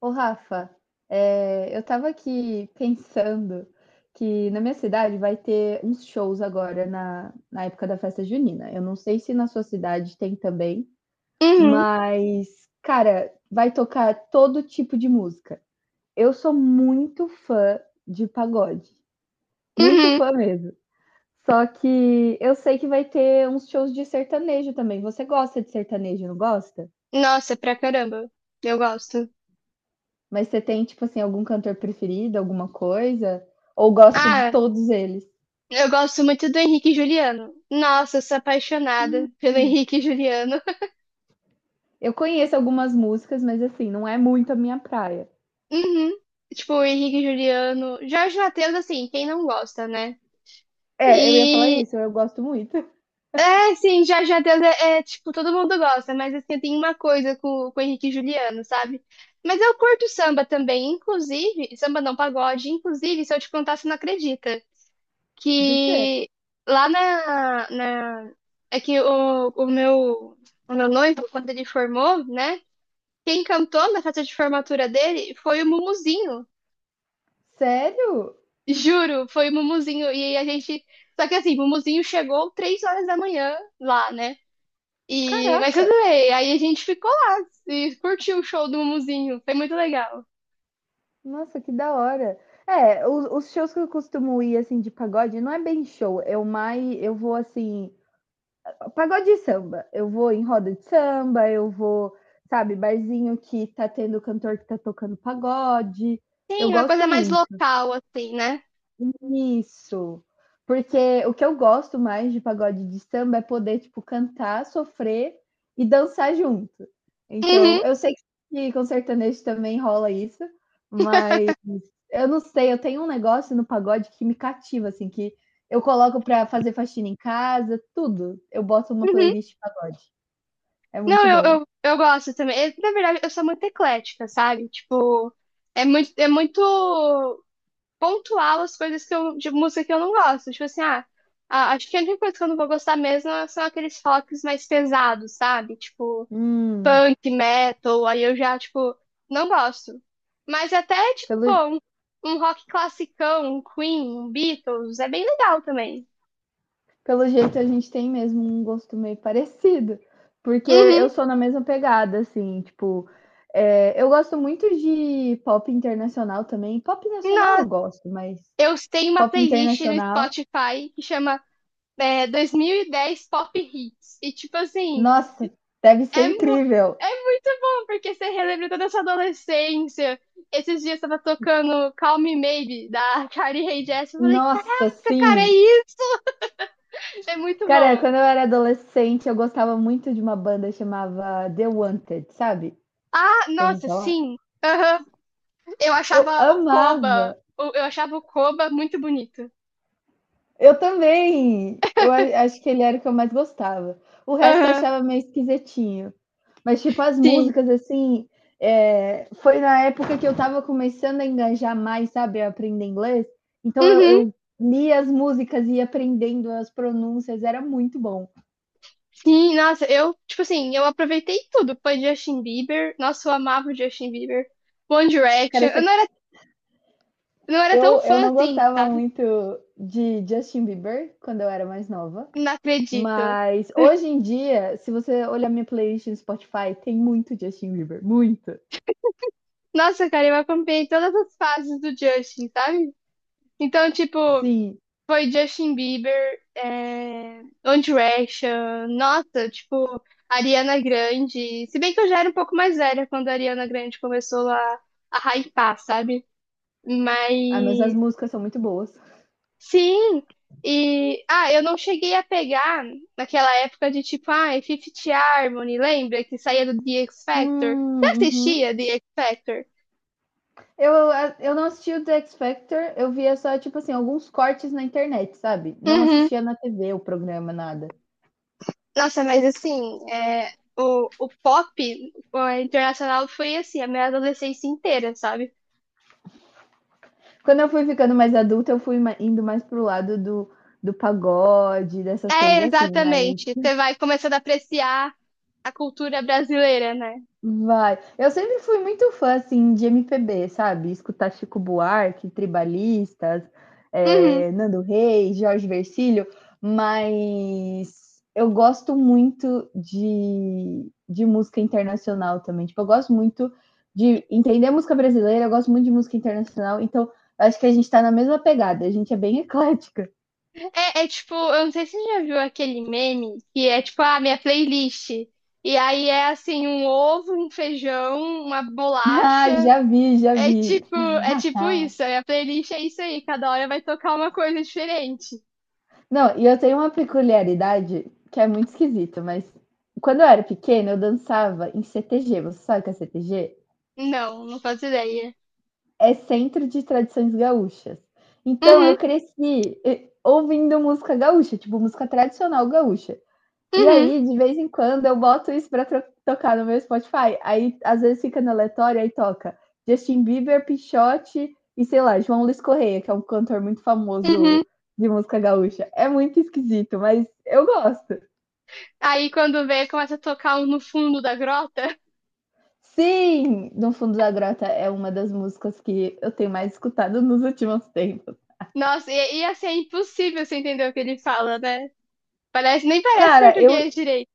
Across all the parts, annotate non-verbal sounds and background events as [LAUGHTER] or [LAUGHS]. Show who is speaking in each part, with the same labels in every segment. Speaker 1: Ô Rafa, eu tava aqui pensando que na minha cidade vai ter uns shows agora na época da festa junina. Eu não sei se na sua cidade tem também,
Speaker 2: Uhum,
Speaker 1: mas, cara, vai tocar todo tipo de música. Eu sou muito fã de pagode, muito
Speaker 2: uhum.
Speaker 1: fã mesmo. Só que eu sei que vai ter uns shows de sertanejo também. Você gosta de sertanejo, não gosta?
Speaker 2: Nossa, pra caramba. Eu gosto.
Speaker 1: Mas você tem, tipo assim, algum cantor preferido, alguma coisa? Ou gosta de
Speaker 2: Ah,
Speaker 1: todos eles?
Speaker 2: eu gosto muito do Henrique e Juliano. Nossa, eu sou apaixonada pelo
Speaker 1: Hum.
Speaker 2: Henrique e Juliano. [LAUGHS]
Speaker 1: Eu conheço algumas músicas, mas assim, não é muito a minha praia.
Speaker 2: Uhum. Tipo, o Henrique e Juliano. Jorge Mateus, assim, quem não gosta, né?
Speaker 1: É, eu ia falar
Speaker 2: E,
Speaker 1: isso, eu gosto muito.
Speaker 2: é, assim, Jorge Mateus é, tipo, todo mundo gosta, mas, assim, tem uma coisa com o Henrique e Juliano, sabe? Mas eu curto samba também, inclusive, samba não, pagode, inclusive, se eu te contar, você não acredita.
Speaker 1: Do quê?
Speaker 2: Que lá na é que o meu noivo quando ele formou, né? Quem cantou na festa de formatura dele foi o Mumuzinho.
Speaker 1: Sério?
Speaker 2: Juro, foi o Mumuzinho e a gente, só que assim, o Mumuzinho chegou três horas da manhã lá, né? E mas tudo
Speaker 1: Caraca!
Speaker 2: bem, aí a gente ficou lá e curtiu o show do Mumuzinho, foi muito legal.
Speaker 1: Nossa, que da hora. É, os shows que eu costumo ir, assim, de pagode, não é bem show, eu mais, eu vou, assim, pagode e samba. Eu vou em roda de samba, eu vou, sabe, barzinho que tá tendo cantor que tá tocando pagode. Eu
Speaker 2: Sim, uma
Speaker 1: gosto
Speaker 2: coisa mais
Speaker 1: muito.
Speaker 2: local assim, né?
Speaker 1: Isso, porque o que eu gosto mais de pagode de samba é poder, tipo, cantar, sofrer e dançar junto. Então,
Speaker 2: Uhum,
Speaker 1: eu sei que com sertanejo também rola isso, mas eu não sei, eu tenho um negócio no pagode que me cativa, assim, que eu coloco pra fazer faxina em casa, tudo. Eu boto uma
Speaker 2: uhum.
Speaker 1: playlist de pagode. É
Speaker 2: Não,
Speaker 1: muito
Speaker 2: eu,
Speaker 1: bom.
Speaker 2: eu, eu gosto também. Eu, na verdade, eu sou muito eclética, sabe? Tipo, é muito pontual as coisas que eu, de música que eu não gosto. Tipo assim, ah, acho que a única coisa que eu não vou gostar mesmo são aqueles rocks mais pesados, sabe? Tipo,
Speaker 1: Hum,
Speaker 2: punk, metal, aí eu já, tipo, não gosto. Mas até, tipo,
Speaker 1: pelo
Speaker 2: pô, um rock classicão, um Queen, um Beatles, é bem legal também.
Speaker 1: Pelo jeito, a gente tem mesmo um gosto meio parecido, porque eu
Speaker 2: Uhum.
Speaker 1: sou na mesma pegada, assim, tipo, eu gosto muito de pop internacional também. Pop nacional eu
Speaker 2: Nossa,
Speaker 1: gosto, mas
Speaker 2: eu tenho uma
Speaker 1: pop
Speaker 2: playlist no
Speaker 1: internacional,
Speaker 2: Spotify que chama é, 2010 Pop Hits. E, tipo assim,
Speaker 1: nossa, deve ser
Speaker 2: é, mu-
Speaker 1: incrível.
Speaker 2: é muito bom, porque você relembra toda a sua adolescência. Esses dias tava tocando Call Me Maybe, da [LAUGHS] Carly Rae Jepsen. Eu falei,
Speaker 1: Nossa,
Speaker 2: caraca, cara, é
Speaker 1: sim.
Speaker 2: isso! É muito
Speaker 1: Cara,
Speaker 2: bom.
Speaker 1: quando eu era adolescente, eu gostava muito de uma banda chamava The Wanted, sabe?
Speaker 2: Ah,
Speaker 1: Já ouviu
Speaker 2: nossa,
Speaker 1: falar?
Speaker 2: sim. Aham. Eu
Speaker 1: Eu
Speaker 2: achava o Koba,
Speaker 1: amava.
Speaker 2: eu achava o Koba muito bonito.
Speaker 1: Eu também. Acho que ele era o que eu mais gostava. O resto eu
Speaker 2: Aham,
Speaker 1: achava meio esquisitinho. Mas, tipo, as
Speaker 2: sim.
Speaker 1: músicas, assim, foi na época que eu tava começando a engajar mais, sabe, a aprender inglês. Então,
Speaker 2: Uhum.
Speaker 1: eu lia as músicas e ia aprendendo as pronúncias, era muito bom.
Speaker 2: Sim, nossa, eu, tipo assim, eu aproveitei tudo. Foi Justin Bieber, nossa, eu amava o Justin Bieber. One
Speaker 1: Cara,
Speaker 2: Direction. Eu
Speaker 1: você-
Speaker 2: não Não era tão
Speaker 1: eu
Speaker 2: fã
Speaker 1: não
Speaker 2: assim,
Speaker 1: gostava
Speaker 2: sabe?
Speaker 1: muito de Justin Bieber quando eu era mais nova.
Speaker 2: Não acredito.
Speaker 1: Mas hoje em dia, se você olhar minha playlist no Spotify, tem muito Justin Bieber, muito.
Speaker 2: Nossa, cara, eu acompanhei todas as fases do Justin, sabe? Então, tipo,
Speaker 1: Sim.
Speaker 2: foi Justin Bieber, é... One Direction, nossa, tipo, Ariana Grande. Se bem que eu já era um pouco mais velha quando a Ariana Grande começou a hypar, sabe?
Speaker 1: Ah, mas as
Speaker 2: Mas
Speaker 1: músicas são muito boas.
Speaker 2: sim, e ah, eu não cheguei a pegar naquela época de tipo, ah, é Fifth Harmony, lembra que saía do The X Factor? Você
Speaker 1: Uhum.
Speaker 2: assistia The X Factor?
Speaker 1: Eu eu não assisti o The X Factor, eu via só, tipo assim, alguns cortes na internet, sabe. Não
Speaker 2: Uhum.
Speaker 1: assistia na TV o programa, nada.
Speaker 2: Nossa, mas assim, é, o pop o internacional foi assim, a minha adolescência inteira, sabe?
Speaker 1: Quando eu fui ficando mais adulta, eu fui ma indo mais pro lado do do pagode, dessas coisas
Speaker 2: É,
Speaker 1: assim, mas
Speaker 2: exatamente. Você vai começando a apreciar a cultura brasileira, né?
Speaker 1: vai. Eu sempre fui muito fã, assim, de MPB, sabe? Escutar Chico Buarque, Tribalistas,
Speaker 2: Uhum.
Speaker 1: Nando Reis, Jorge Vercillo, mas eu gosto muito de música internacional também. Tipo, eu gosto muito de entender música brasileira, eu gosto muito de música internacional, então acho que a gente tá na mesma pegada, a gente é bem eclética. [LAUGHS]
Speaker 2: É, é tipo, eu não sei se você já viu aquele meme que é tipo, ah, minha playlist. E aí é assim, um ovo, um feijão, uma
Speaker 1: Ah,
Speaker 2: bolacha.
Speaker 1: já vi, já
Speaker 2: É
Speaker 1: vi.
Speaker 2: tipo, é
Speaker 1: [LAUGHS]
Speaker 2: tipo isso. A minha playlist é isso aí, cada hora vai tocar uma coisa diferente.
Speaker 1: Não, e eu tenho uma peculiaridade que é muito esquisita, mas quando eu era pequena, eu dançava em CTG. Você sabe o que é CTG?
Speaker 2: Não, não faço ideia.
Speaker 1: É Centro de Tradições Gaúchas. Então eu
Speaker 2: Uhum,
Speaker 1: cresci ouvindo música gaúcha, tipo música tradicional gaúcha. E
Speaker 2: uhum,
Speaker 1: aí, de vez em quando, eu boto isso tocar no meu Spotify. Aí, às vezes, fica no aleatório, aí toca Justin Bieber, Pixote e, sei lá, João Luiz Correia, que é um cantor muito famoso
Speaker 2: uhum.
Speaker 1: de música gaúcha. É muito esquisito, mas eu gosto.
Speaker 2: Aí quando vê, começa a tocar um no fundo da grota. [LAUGHS]
Speaker 1: Sim! No Fundo da Grota é uma das músicas que eu tenho mais escutado nos últimos tempos.
Speaker 2: Nossa, e assim, é impossível você entender o que ele fala, né? Parece, nem parece
Speaker 1: Cara, eu,
Speaker 2: português direito.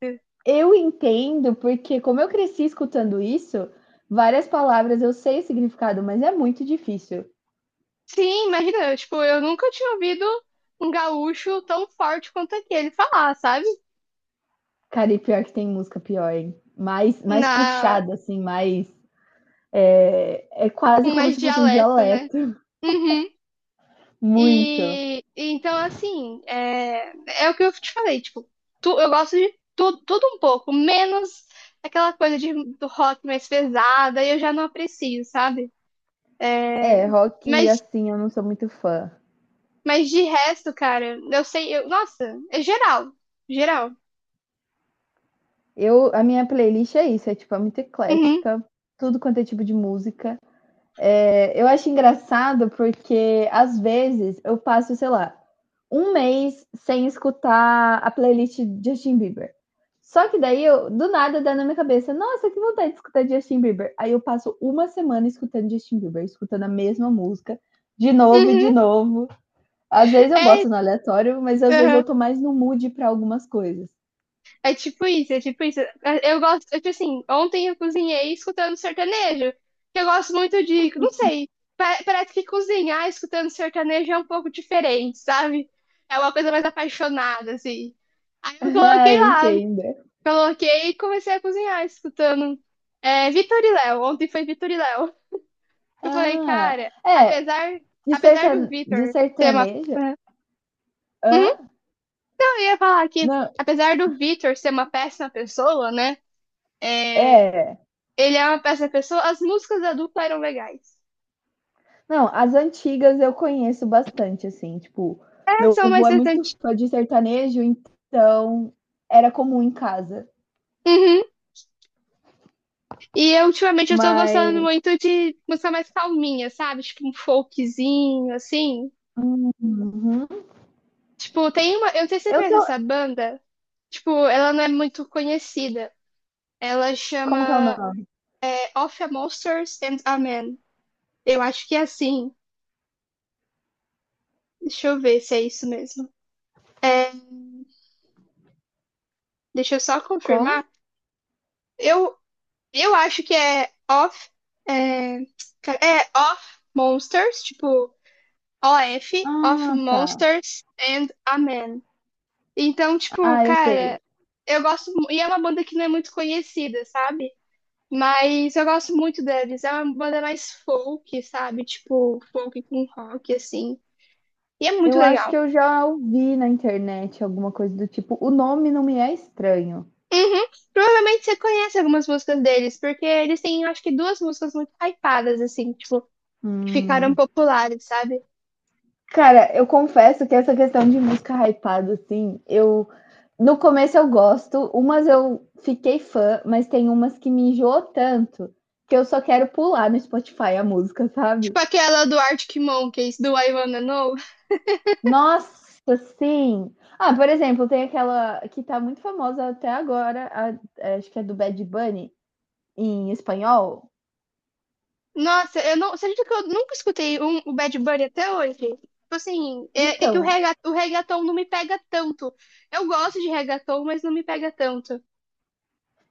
Speaker 1: eu entendo, porque como eu cresci escutando isso, várias palavras eu sei o significado, mas é muito difícil.
Speaker 2: Sim, imagina, tipo, eu nunca tinha ouvido um gaúcho tão forte quanto aquele falar, sabe?
Speaker 1: Cara, e pior que tem música pior, hein? Mais
Speaker 2: Na,
Speaker 1: puxada, assim, mais. É, é quase
Speaker 2: com
Speaker 1: como
Speaker 2: mais
Speaker 1: se fosse um
Speaker 2: dialeto, né?
Speaker 1: dialeto.
Speaker 2: Uhum.
Speaker 1: Muito.
Speaker 2: E então, assim, é, é o que eu te falei, tipo, eu gosto de tudo, tudo um pouco, menos aquela coisa de, do rock mais pesada, eu já não aprecio, sabe?
Speaker 1: É,
Speaker 2: É,
Speaker 1: rock,
Speaker 2: mas,
Speaker 1: assim, eu não sou muito fã.
Speaker 2: mas de resto, cara, eu sei, eu, nossa, é geral, geral.
Speaker 1: Eu, a minha playlist é isso, é tipo, é muito
Speaker 2: Uhum,
Speaker 1: eclética, tudo quanto é tipo de música. É, eu acho engraçado porque às vezes eu passo, sei lá, um mês sem escutar a playlist de Justin Bieber. Só que daí do nada dá na minha cabeça, nossa, que vontade de escutar Justin Bieber. Aí eu passo uma semana escutando Justin Bieber, escutando a mesma música, de novo e de
Speaker 2: uhum,
Speaker 1: novo. Às vezes eu
Speaker 2: é,
Speaker 1: boto no aleatório, mas às vezes eu
Speaker 2: uhum.
Speaker 1: tô mais no mood para algumas coisas.
Speaker 2: É tipo isso, é tipo isso. É, eu gosto, eu, tipo assim, ontem eu cozinhei escutando sertanejo, que eu gosto muito de, não sei, parece que cozinhar escutando sertanejo é um pouco diferente, sabe? É uma coisa mais apaixonada, assim. Aí
Speaker 1: [LAUGHS]
Speaker 2: eu
Speaker 1: Ah,
Speaker 2: coloquei
Speaker 1: eu
Speaker 2: lá,
Speaker 1: entendo.
Speaker 2: coloquei e comecei a cozinhar escutando é, Vitor e Léo. Ontem foi Vitor e Léo. Eu falei,
Speaker 1: Ah,
Speaker 2: cara,
Speaker 1: é,
Speaker 2: apesar,
Speaker 1: de,
Speaker 2: apesar do
Speaker 1: sertane... de
Speaker 2: Vitor ser uma...
Speaker 1: sertaneja?
Speaker 2: Uhum,
Speaker 1: Hã?
Speaker 2: eu ia falar aqui,
Speaker 1: Não,
Speaker 2: apesar do Vitor ser uma péssima pessoa, né? É,
Speaker 1: é.
Speaker 2: ele é uma péssima pessoa. As músicas da dupla eram legais.
Speaker 1: Não, as antigas eu conheço bastante, assim, tipo,
Speaker 2: É,
Speaker 1: meu
Speaker 2: são
Speaker 1: avô
Speaker 2: mais
Speaker 1: é muito
Speaker 2: recentes.
Speaker 1: fã de sertanejo, então era comum em casa.
Speaker 2: Uhum. E eu, ultimamente eu tô gostando
Speaker 1: Mas
Speaker 2: muito de música mais calminha, sabe? Tipo um folkzinho, assim.
Speaker 1: uhum.
Speaker 2: Tipo, tem uma. Eu não sei se você
Speaker 1: Eu
Speaker 2: conhece
Speaker 1: tô.
Speaker 2: essa banda. Tipo, ela não é muito conhecida. Ela
Speaker 1: Como que é o
Speaker 2: chama
Speaker 1: nome?
Speaker 2: é, Of a Monsters and a Man. Eu acho que é assim. Deixa eu ver se é isso mesmo. Deixa eu só
Speaker 1: Como?
Speaker 2: confirmar. Eu, eu acho que é Of. É, é Of Monsters, tipo, OF, Of
Speaker 1: Ah, tá.
Speaker 2: Monsters and a Man. Então, tipo,
Speaker 1: Ah, eu sei.
Speaker 2: cara, eu gosto. E é uma banda que não é muito conhecida, sabe? Mas eu gosto muito deles. É uma banda mais folk, sabe? Tipo, folk com rock, assim. E é muito
Speaker 1: Eu acho que
Speaker 2: legal.
Speaker 1: eu já ouvi na internet alguma coisa do tipo. O nome não me é estranho.
Speaker 2: Uhum. Provavelmente você conhece algumas músicas deles, porque eles têm, acho que, duas músicas muito hypadas, assim, tipo, que ficaram
Speaker 1: Hum.
Speaker 2: populares, sabe?
Speaker 1: Cara, eu confesso que essa questão de música hypada, assim, eu. No começo eu gosto, umas eu fiquei fã, mas tem umas que me enjoou tanto que eu só quero pular no Spotify a música, sabe?
Speaker 2: Tipo aquela do Arctic Monkeys, do I Wanna Know.
Speaker 1: Nossa, sim! Ah, por exemplo, tem aquela que tá muito famosa até agora, é, acho que é do Bad Bunny, em espanhol.
Speaker 2: Nossa, eu não. Você acredita que eu nunca escutei um, o Bad Bunny até hoje? Tipo assim, é, é que o,
Speaker 1: Então,
Speaker 2: rega, o reggaeton não me pega tanto. Eu gosto de reggaeton, mas não me pega tanto.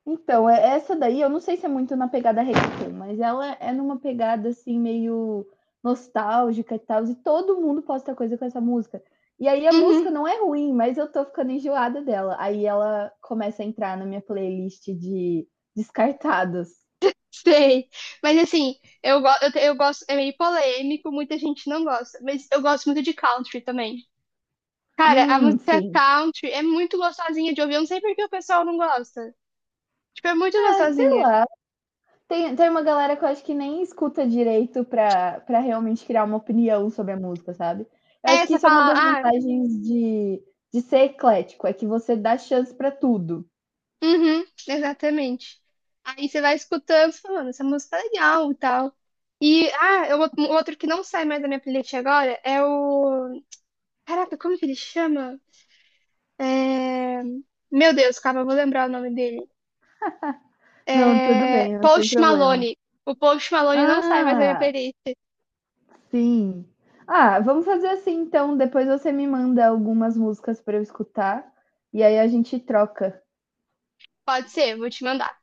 Speaker 1: Então, essa daí, eu não sei se é muito na pegada reggaeton, mas ela é numa pegada assim meio nostálgica e tal, e todo mundo posta coisa com essa música. E aí a
Speaker 2: Uhum,
Speaker 1: música não é ruim, mas eu tô ficando enjoada dela. Aí ela começa a entrar na minha playlist de descartados.
Speaker 2: [LAUGHS] sei. Mas assim, eu, eu, eu gosto. É meio polêmico, muita gente não gosta. Mas eu gosto muito de country também. Cara, a música
Speaker 1: Sim.
Speaker 2: country é muito gostosinha de ouvir. Eu não sei por que o pessoal não gosta. Tipo, é muito
Speaker 1: Ah, sei
Speaker 2: gostosinha.
Speaker 1: lá, tem uma galera que eu acho que nem escuta direito pra realmente criar uma opinião sobre a música, sabe. Eu acho
Speaker 2: É,
Speaker 1: que
Speaker 2: você
Speaker 1: isso é uma das
Speaker 2: fala, ah.
Speaker 1: vantagens de ser eclético, é que você dá chance pra tudo.
Speaker 2: Uhum, exatamente. Aí você vai escutando, você falando, essa música é legal e tal. E, ah, é um outro que não sai mais da minha playlist agora é o. Caraca, como que ele chama? É... Meu Deus, calma, eu vou lembrar o nome dele.
Speaker 1: Não, tudo
Speaker 2: É...
Speaker 1: bem, não tem
Speaker 2: Post
Speaker 1: problema.
Speaker 2: Malone. O Post Malone não sai mais da minha
Speaker 1: Ah,
Speaker 2: playlist.
Speaker 1: sim. Ah, vamos fazer assim então, depois você me manda algumas músicas pra eu escutar, e aí a gente troca.
Speaker 2: Pode ser, vou te mandar.